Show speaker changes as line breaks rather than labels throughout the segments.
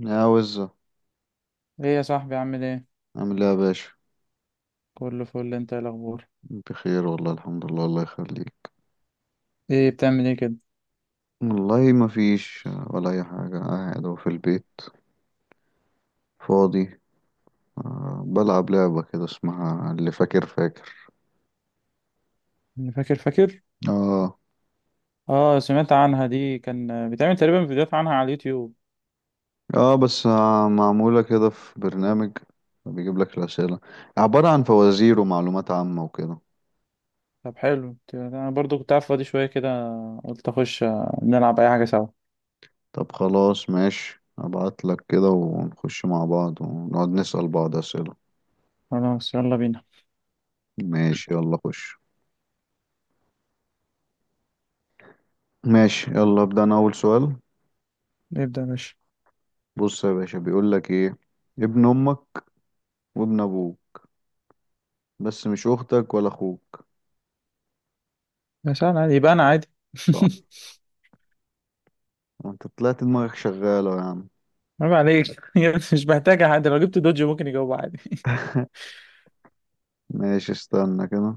يا وزة.
ايه يا صاحبي، عامل ايه؟
عامل ايه يا باشا؟
كله فل، انت إيه الاخبار؟
بخير والله، الحمد لله، الله يخليك.
ايه بتعمل ايه كده؟
والله ما فيش ولا اي حاجة، قاعد أهو في البيت فاضي. بلعب لعبة كده اسمها اللي فاكر فاكر.
فاكر فاكر.
اه.
اه سمعت عنها دي، كان بتعمل تقريبا فيديوهات عنها على اليوتيوب.
اه بس معمولة كده في برنامج بيجيب لك الأسئلة، عبارة عن فوازير ومعلومات عامة وكده.
طب حلو، انا برضو كنت قاعد فاضي شويه كده، قلت اخش نلعب اي حاجه سوا.
طب خلاص ماشي، ابعت لك كده ونخش مع بعض ونقعد نسأل بعض أسئلة.
خلاص يلا بينا.
ماشي يلا خش. ماشي يلا ابدأ انا أول سؤال.
نبدا يا باشا.
بص يا باشا، بيقول لك ايه؟ ابن امك وابن ابوك بس مش اختك ولا اخوك.
يا سهل، عادي يبقى انا عادي.
صح. انت طلعت دماغك شغالة يا عم.
عيب عليك. مش محتاجه حد، لو جبت دوجي ممكن يجاوب عادي.
ماشي استنى كده،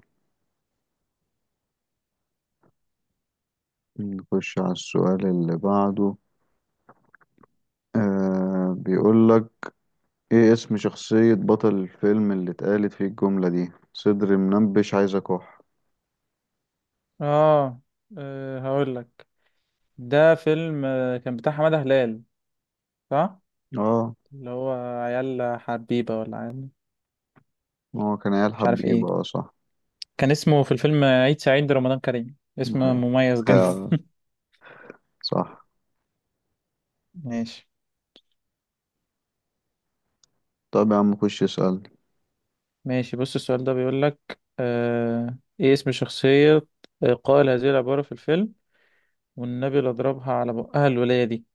نخش على السؤال اللي بعده. آه بيقول لك ايه اسم شخصية بطل الفيلم اللي اتقالت فيه الجملة دي: صدري منبش عايز اكح.
اه, هقول لك. ده فيلم كان بتاع حماده هلال، صح.
اه
اللي هو عيال حبيبه ولا عيال؟
هو كان عيال
مش عارف ايه.
حبيبة، اه صح.
كان اسمه في الفيلم عيد سعيد رمضان كريم، اسم
أيوة.
مميز جدا.
آه صح.
ماشي.
طب يا عم خش اسألني.
ماشي بص، السؤال ده بيقول لك ايه اسم شخصية قائل هذه العبارة في الفيلم؟ والنبي اللي ضربها على بقها، الولاية دي.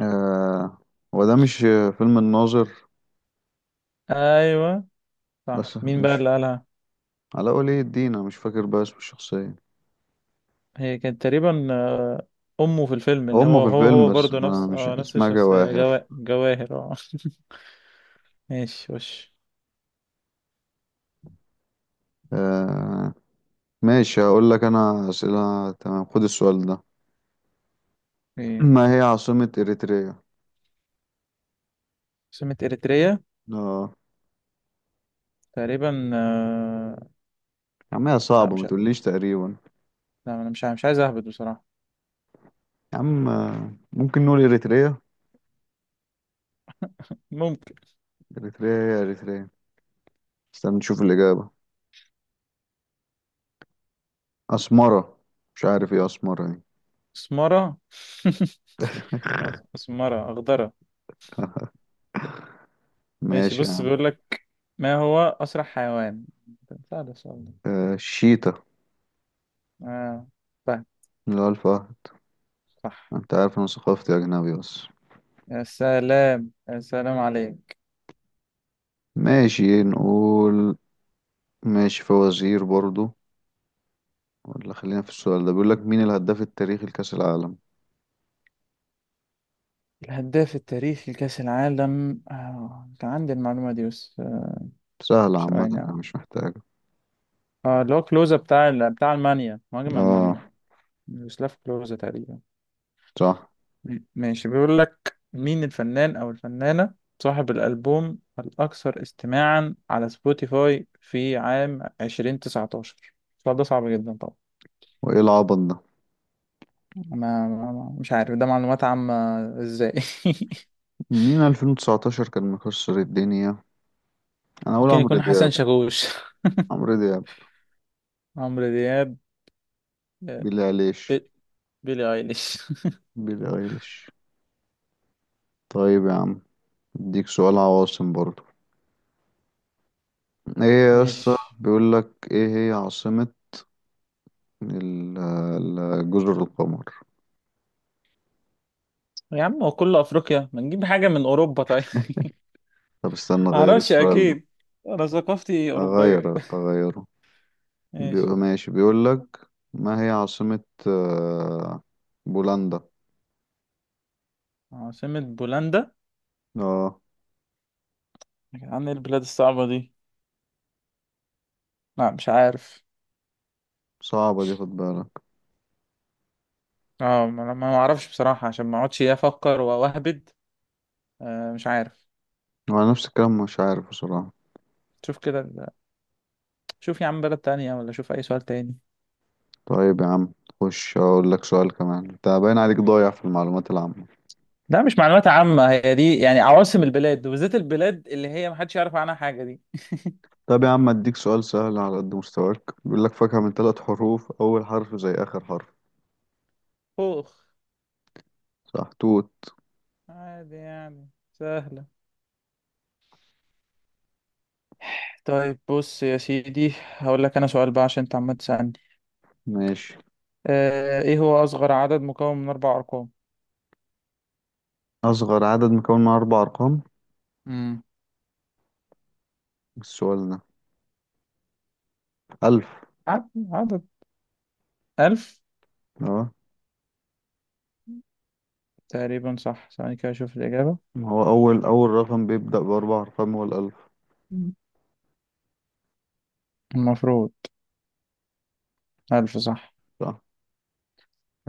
آه هو ده مش فيلم الناظر؟
ايوه، صح.
بس
مين بقى اللي
مش
قالها؟
علاء ولي الدين، انا مش فاكر بقى اسم الشخصية.
هي كانت تقريبا امه في الفيلم، اللي
هم
هو
في
هو
الفيلم
هو
بس
برضه
انا
نفس
مش
نفس
اسمها
الشخصية،
جواهر.
جواهر، اه. ماشي وش.
آه ماشي، هقول لك انا اسئلة، تمام خد السؤال ده.
إيه.
ما هي عاصمة اريتريا؟
سمة اريتريا،
اه.
تقريبا
يا عم هي
لا
صعبة، ما
مش ع-
تقوليش تقريبا.
لا، انا مش عايز اهبط بصراحة.
يا عم ممكن نقول اريتريا.
ممكن.
اريتريا هي اريتريا. استنى نشوف الإجابة. اسمرة. مش عارف ايه اسمرة دي.
اسمرة. اسمرة اخضرة. ماشي
ماشي يا
بص،
عم.
بيقول لك ما هو اسرع حيوان؟ سهل السؤال ده.
آه الشيتا،
اه. طيب.
اللي هو الفهد.
صح.
انت عارف انا ثقافتي اجنبي بس.
يا سلام، يا سلام عليك.
ماشي نقول. ماشي فوازير برضو، ولا خلينا في السؤال ده؟ بيقول لك مين الهداف التاريخي لكأس العالم.
الهداف التاريخي لكأس العالم، كان عندي المعلومة دي بس،
سهلة عامة
ثواني
أنا
اه.
مش محتاجة.
اللي هو كلوزا، بتاع بتاع المانيا، مهاجم
اه
المانيا. يوسلاف كلوزا تقريبا.
صح.
ماشي، بيقول لك مين الفنان أو الفنانة صاحب الألبوم الأكثر استماعا على سبوتيفاي في عام 2019؟ السؤال ده صعب جدا طبعا.
وايه العبط ده؟
ما مش عارف، ده معلومات عامة. ازاي؟
مين 2019 كان مكسر الدنيا؟ انا اقول
ممكن
عمرو
يكون حسن
دياب.
شاكوش.
عمرو دياب.
عمرو دياب. آه،
بيلي ايليش.
بي- بيلي ايليش.
بيلي ايليش. طيب يا عم، اديك سؤال عواصم برضو. ايه يا اسطى،
ماشي.
بيقول لك ايه هي عاصمة جزر القمر.
يا عم هو كله افريقيا، ما نجيب حاجه من اوروبا طيب.
طب استنى اغير
معرفش
السؤال ده،
اكيد، انا ثقافتي اوروبيه.
اغير اغيره. بيقول
ماشي.
ماشي، بيقول لك ما هي عاصمة آه، بولندا.
عاصمه بولندا،
اه
عن البلاد الصعبة دي. لا مش عارف.
صعبة دي خد بالك.
اه ما اعرفش بصراحة، عشان ما اقعدش إيه افكر واهبد. آه مش عارف.
وانا نفس الكلام، مش عارف بصراحة.
شوف كده شوف يا عم بلد تانية، ولا شوف اي سؤال تاني.
طيب يا عم خش اقول لك سؤال كمان، انت باين عليك ضايع في المعلومات العامة.
لا، مش معلومات عامة هي دي، يعني عواصم البلاد وبالذات البلاد اللي هي محدش يعرف عنها حاجة دي.
طب يا عم اديك سؤال سهل على قد مستواك، بيقول لك فاكهة من ثلاث حروف اول حرف زي اخر حرف.
خوخ.
صح توت.
عادي يعني، سهلة. طيب بص يا سيدي، هقول لك انا سؤال بقى عشان انت عمال تسألني.
ماشي.
ايه هو اصغر عدد مكون من اربع ارقام؟
اصغر عدد مكون من اربع ارقام؟
امم
السؤال ده الف.
عدد ألف.
اه
تقريبا صح، ثواني كده اشوف الإجابة.
ما هو اول رقم بيبدأ باربع ارقام هو الالف.
مم. المفروض. ألف صح.
صح.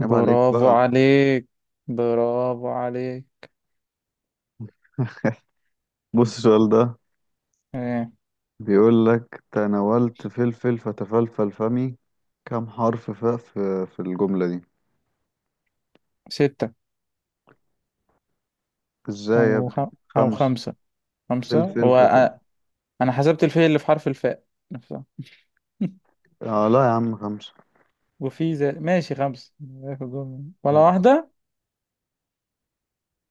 عيب عليك بقى.
عليك. برافو عليك.
بص السؤال ده
إيه.
بيقول لك: تناولت فلفل فتفلفل فمي، كم حرف فاء في الجملة دي؟
ستة.
ازاي يا
أو خ...
ابني؟
أو
خمسة.
خمسة. خمسة
فلفل فلفل
هو
فت... واحد.
أنا حسبت الفاء اللي في حرف الفاء نفسها.
اه لا يا عم خمسة.
وفي ذلك، ماشي خمسة. آخر جملة، ولا واحدة.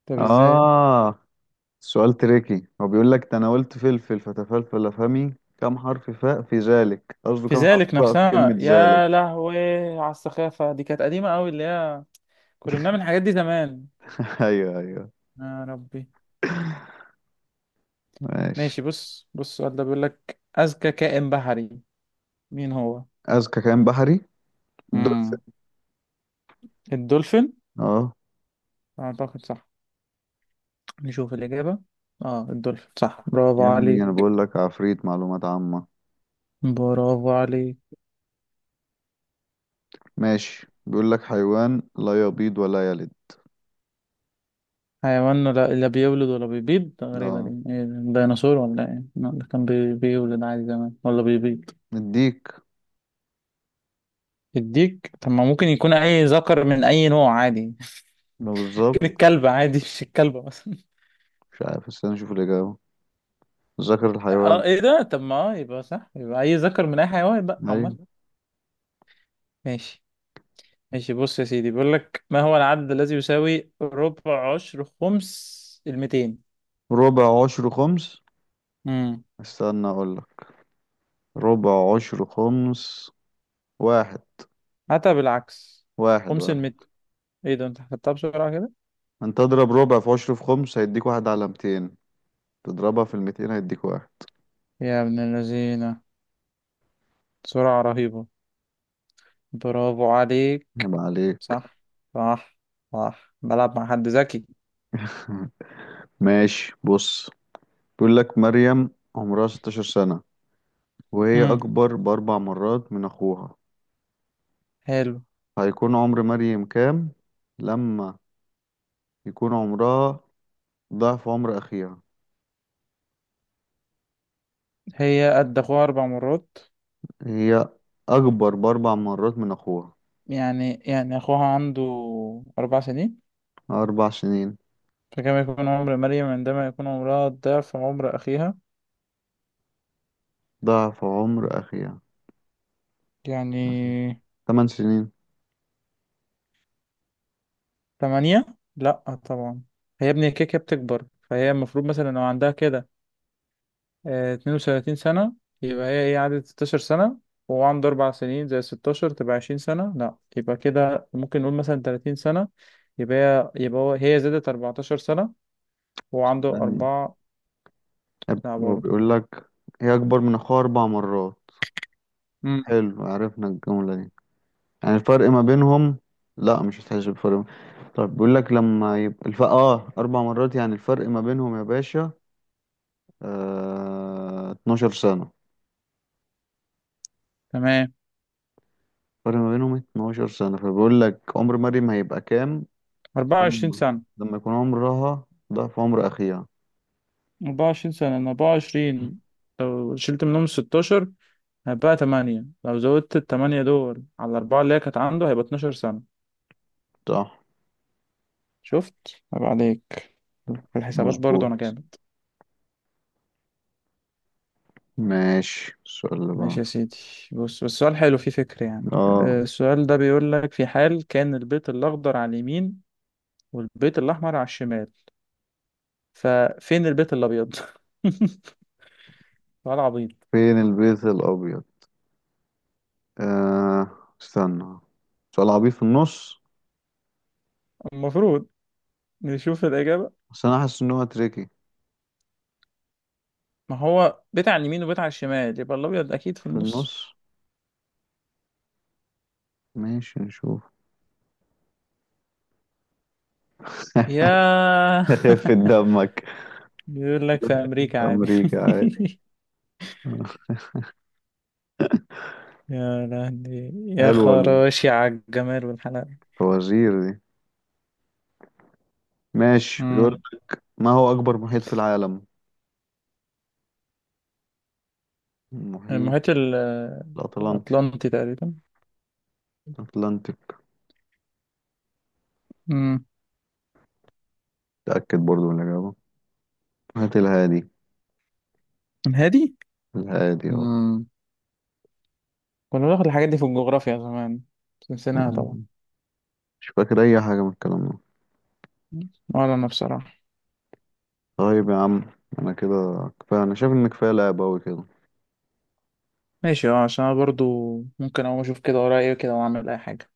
طب إزاي؟
اه سؤال تريكي، هو بيقول لك تناولت فلفل فتفلفل فمي كم حرف فاء في ذلك، قصده
في
كم حرف
ذلك
فاء في
نفسها،
كلمة
يا
ذلك.
لهوي. على السخافة دي، كانت قديمة أوي اللي هي كنا بنعمل الحاجات دي زمان.
ايوه ايوه.
يا ربي.
ماشي.
ماشي بص، السؤال ده بيقول لك أذكى كائن بحري مين هو؟
اذكى كائن بحري؟
مم.
الدولفين.
الدولفين.
اه.
أعتقد صح، نشوف الإجابة. اه الدولفين صح، برافو
يا ابني
علي.
انا بقول لك عفريت معلومات عامة.
برافو علي.
ماشي بيقول لك حيوان لا يبيض ولا يلد.
حيوان لا بيولد ولا بيبيض، تقريبا
اه
يعني إيه، الديناصور ولا ايه؟ لا ده كان بيولد عادي زمان، ولا بيبيض.
مديك.
الديك؟ طب ما ممكن يكون اي ذكر من اي نوع عادي.
ما
ممكن
بالظبط.
الكلب عادي، مش الكلبة مثلا.
مش عارف، استنى اشوف الإجابة. ذكر الحيوان.
اه ايه ده، طب ما يبقى صح، يبقى اي ذكر من اي حيوان بقى عمال.
ايوه.
ماشي. ماشي بص يا سيدي، بيقول لك ما هو العدد الذي يساوي ربع عشر خمس الميتين؟
ربع عشر خمس؟ استنى اقول لك. ربع عشر خمس، واحد.
حتى بالعكس.
واحد
خمس
واحد.
المتر. ايه ده، انت حسبتها بسرعة كده.
انت تضرب ربع في عشر في خمس هيديك واحد على 200، تضربها في الميتين هيديك واحد.
يا ابن اللذينة، سرعة رهيبة. برافو عليك.
يبقى عليك.
صح. صح. صح، بلعب مع حد ذكي.
ماشي بص، بيقول لك مريم عمرها 16 سنة، وهي
امم
أكبر بأربع مرات من أخوها.
حلو.
هيكون عمر مريم كام لما يكون عمرها ضعف عمر أخيها؟
هي قد اخوها اربع مرات؟
هي أكبر بأربع مرات من أخوها.
يعني اخوها عنده اربع سنين.
أربع سنين.
فكما يكون عمر مريم عندما يكون عمرها ضعف عمر اخيها،
ضعف عمر أخيها.
يعني
تمن سنين.
تمانية. لا، طبعا. هي ابني كيكة بتكبر، فهي المفروض مثلا لو عندها كده 32 سنة، يبقى هي ايه، عدد 16 سنة. وهو عنده أربع سنين، زي 16 تبقى 20 سنة. لا يبقى كده ممكن نقول مثلا 30 سنة. يبقى هي يبقى هو هي زادت 14 سنة وهو عنده
يعني
أربعة. لا
هو
برضه.
بيقول لك هي أكبر من أخوها أربع مرات.
امم
حلو عرفنا الجملة دي. يعني الفرق ما بينهم. لا مش هتحسب فرق. طب بيقول لك لما يبقى الف... اه أربع مرات يعني الفرق ما بينهم يا باشا، 12 سنة.
تمام.
فرق ما بينهم 12 سنة، فبقول لك عمر مريم هيبقى كام
24
لما
سنة.
لما يكون عمرها ضعف عمر أخيها.
24 سنة من 24، لو شلت منهم 16 هيبقى 8. لو زودت ال 8 دول على الأربعة اللي هي كانت عنده، هيبقى 12 سنة.
صح
شفت؟ عيب عليك، في الحسابات برضه
مظبوط.
أنا جامد.
ماشي السؤال اللي
ماشي
بعده.
يا سيدي، بص بس السؤال حلو فيه فكرة يعني.
اه
السؤال ده بيقول لك في حال كان البيت الأخضر على اليمين والبيت الأحمر على الشمال، ففين البيت الأبيض؟ سؤال عبيط.
فين البيت الأبيض؟ آه استنى. سؤال عبيط في النص.
المفروض نشوف الإجابة.
بس أنا حاسس إن هو تريكي.
ما هو بيت على اليمين وبيت على الشمال، يبقى الأبيض أكيد في
في
النص.
النص. ماشي نشوف.
يا
خف دمك.
بيقول لك في أمريكا عادي.
أمريكا عادي.
يا لهوي يا
حلوة
خراشي، على الجمال والحلاوة.
الفوازير دي. ماشي بيقول
مم.
ما هو أكبر محيط في العالم؟ المحيط
المحيط
الأطلنطي.
الأطلنطي تقريبا.
أتلانتيك.
مم.
تأكد برضو من الإجابة. هات الهادي.
الهادي.
الهادي اه.
مم. كنا بناخد الحاجات دي في الجغرافيا زمان، بس نسيناها طبعا.
يعني مش فاكر أي حاجة من الكلام ده.
ولا انا بصراحة.
طيب يا عم، أنا كده كفاية، أنا شايف إن كفاية لعب أوي كده.
ماشي اه، عشان انا برضو ممكن اقوم اشوف كده ورايا ايه كده واعمل اي حاجة.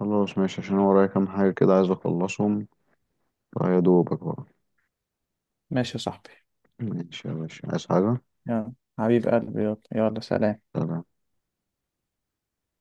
خلاص ماشي عشان أنا ورايا كام حاجة كده عايز أخلصهم، فيا دوبك بقى.
ماشي يا صاحبي.
ماشي يا باشا، عايز حاجة؟
يلا حبيب قلبي، يلا يلا سلام.
سلام.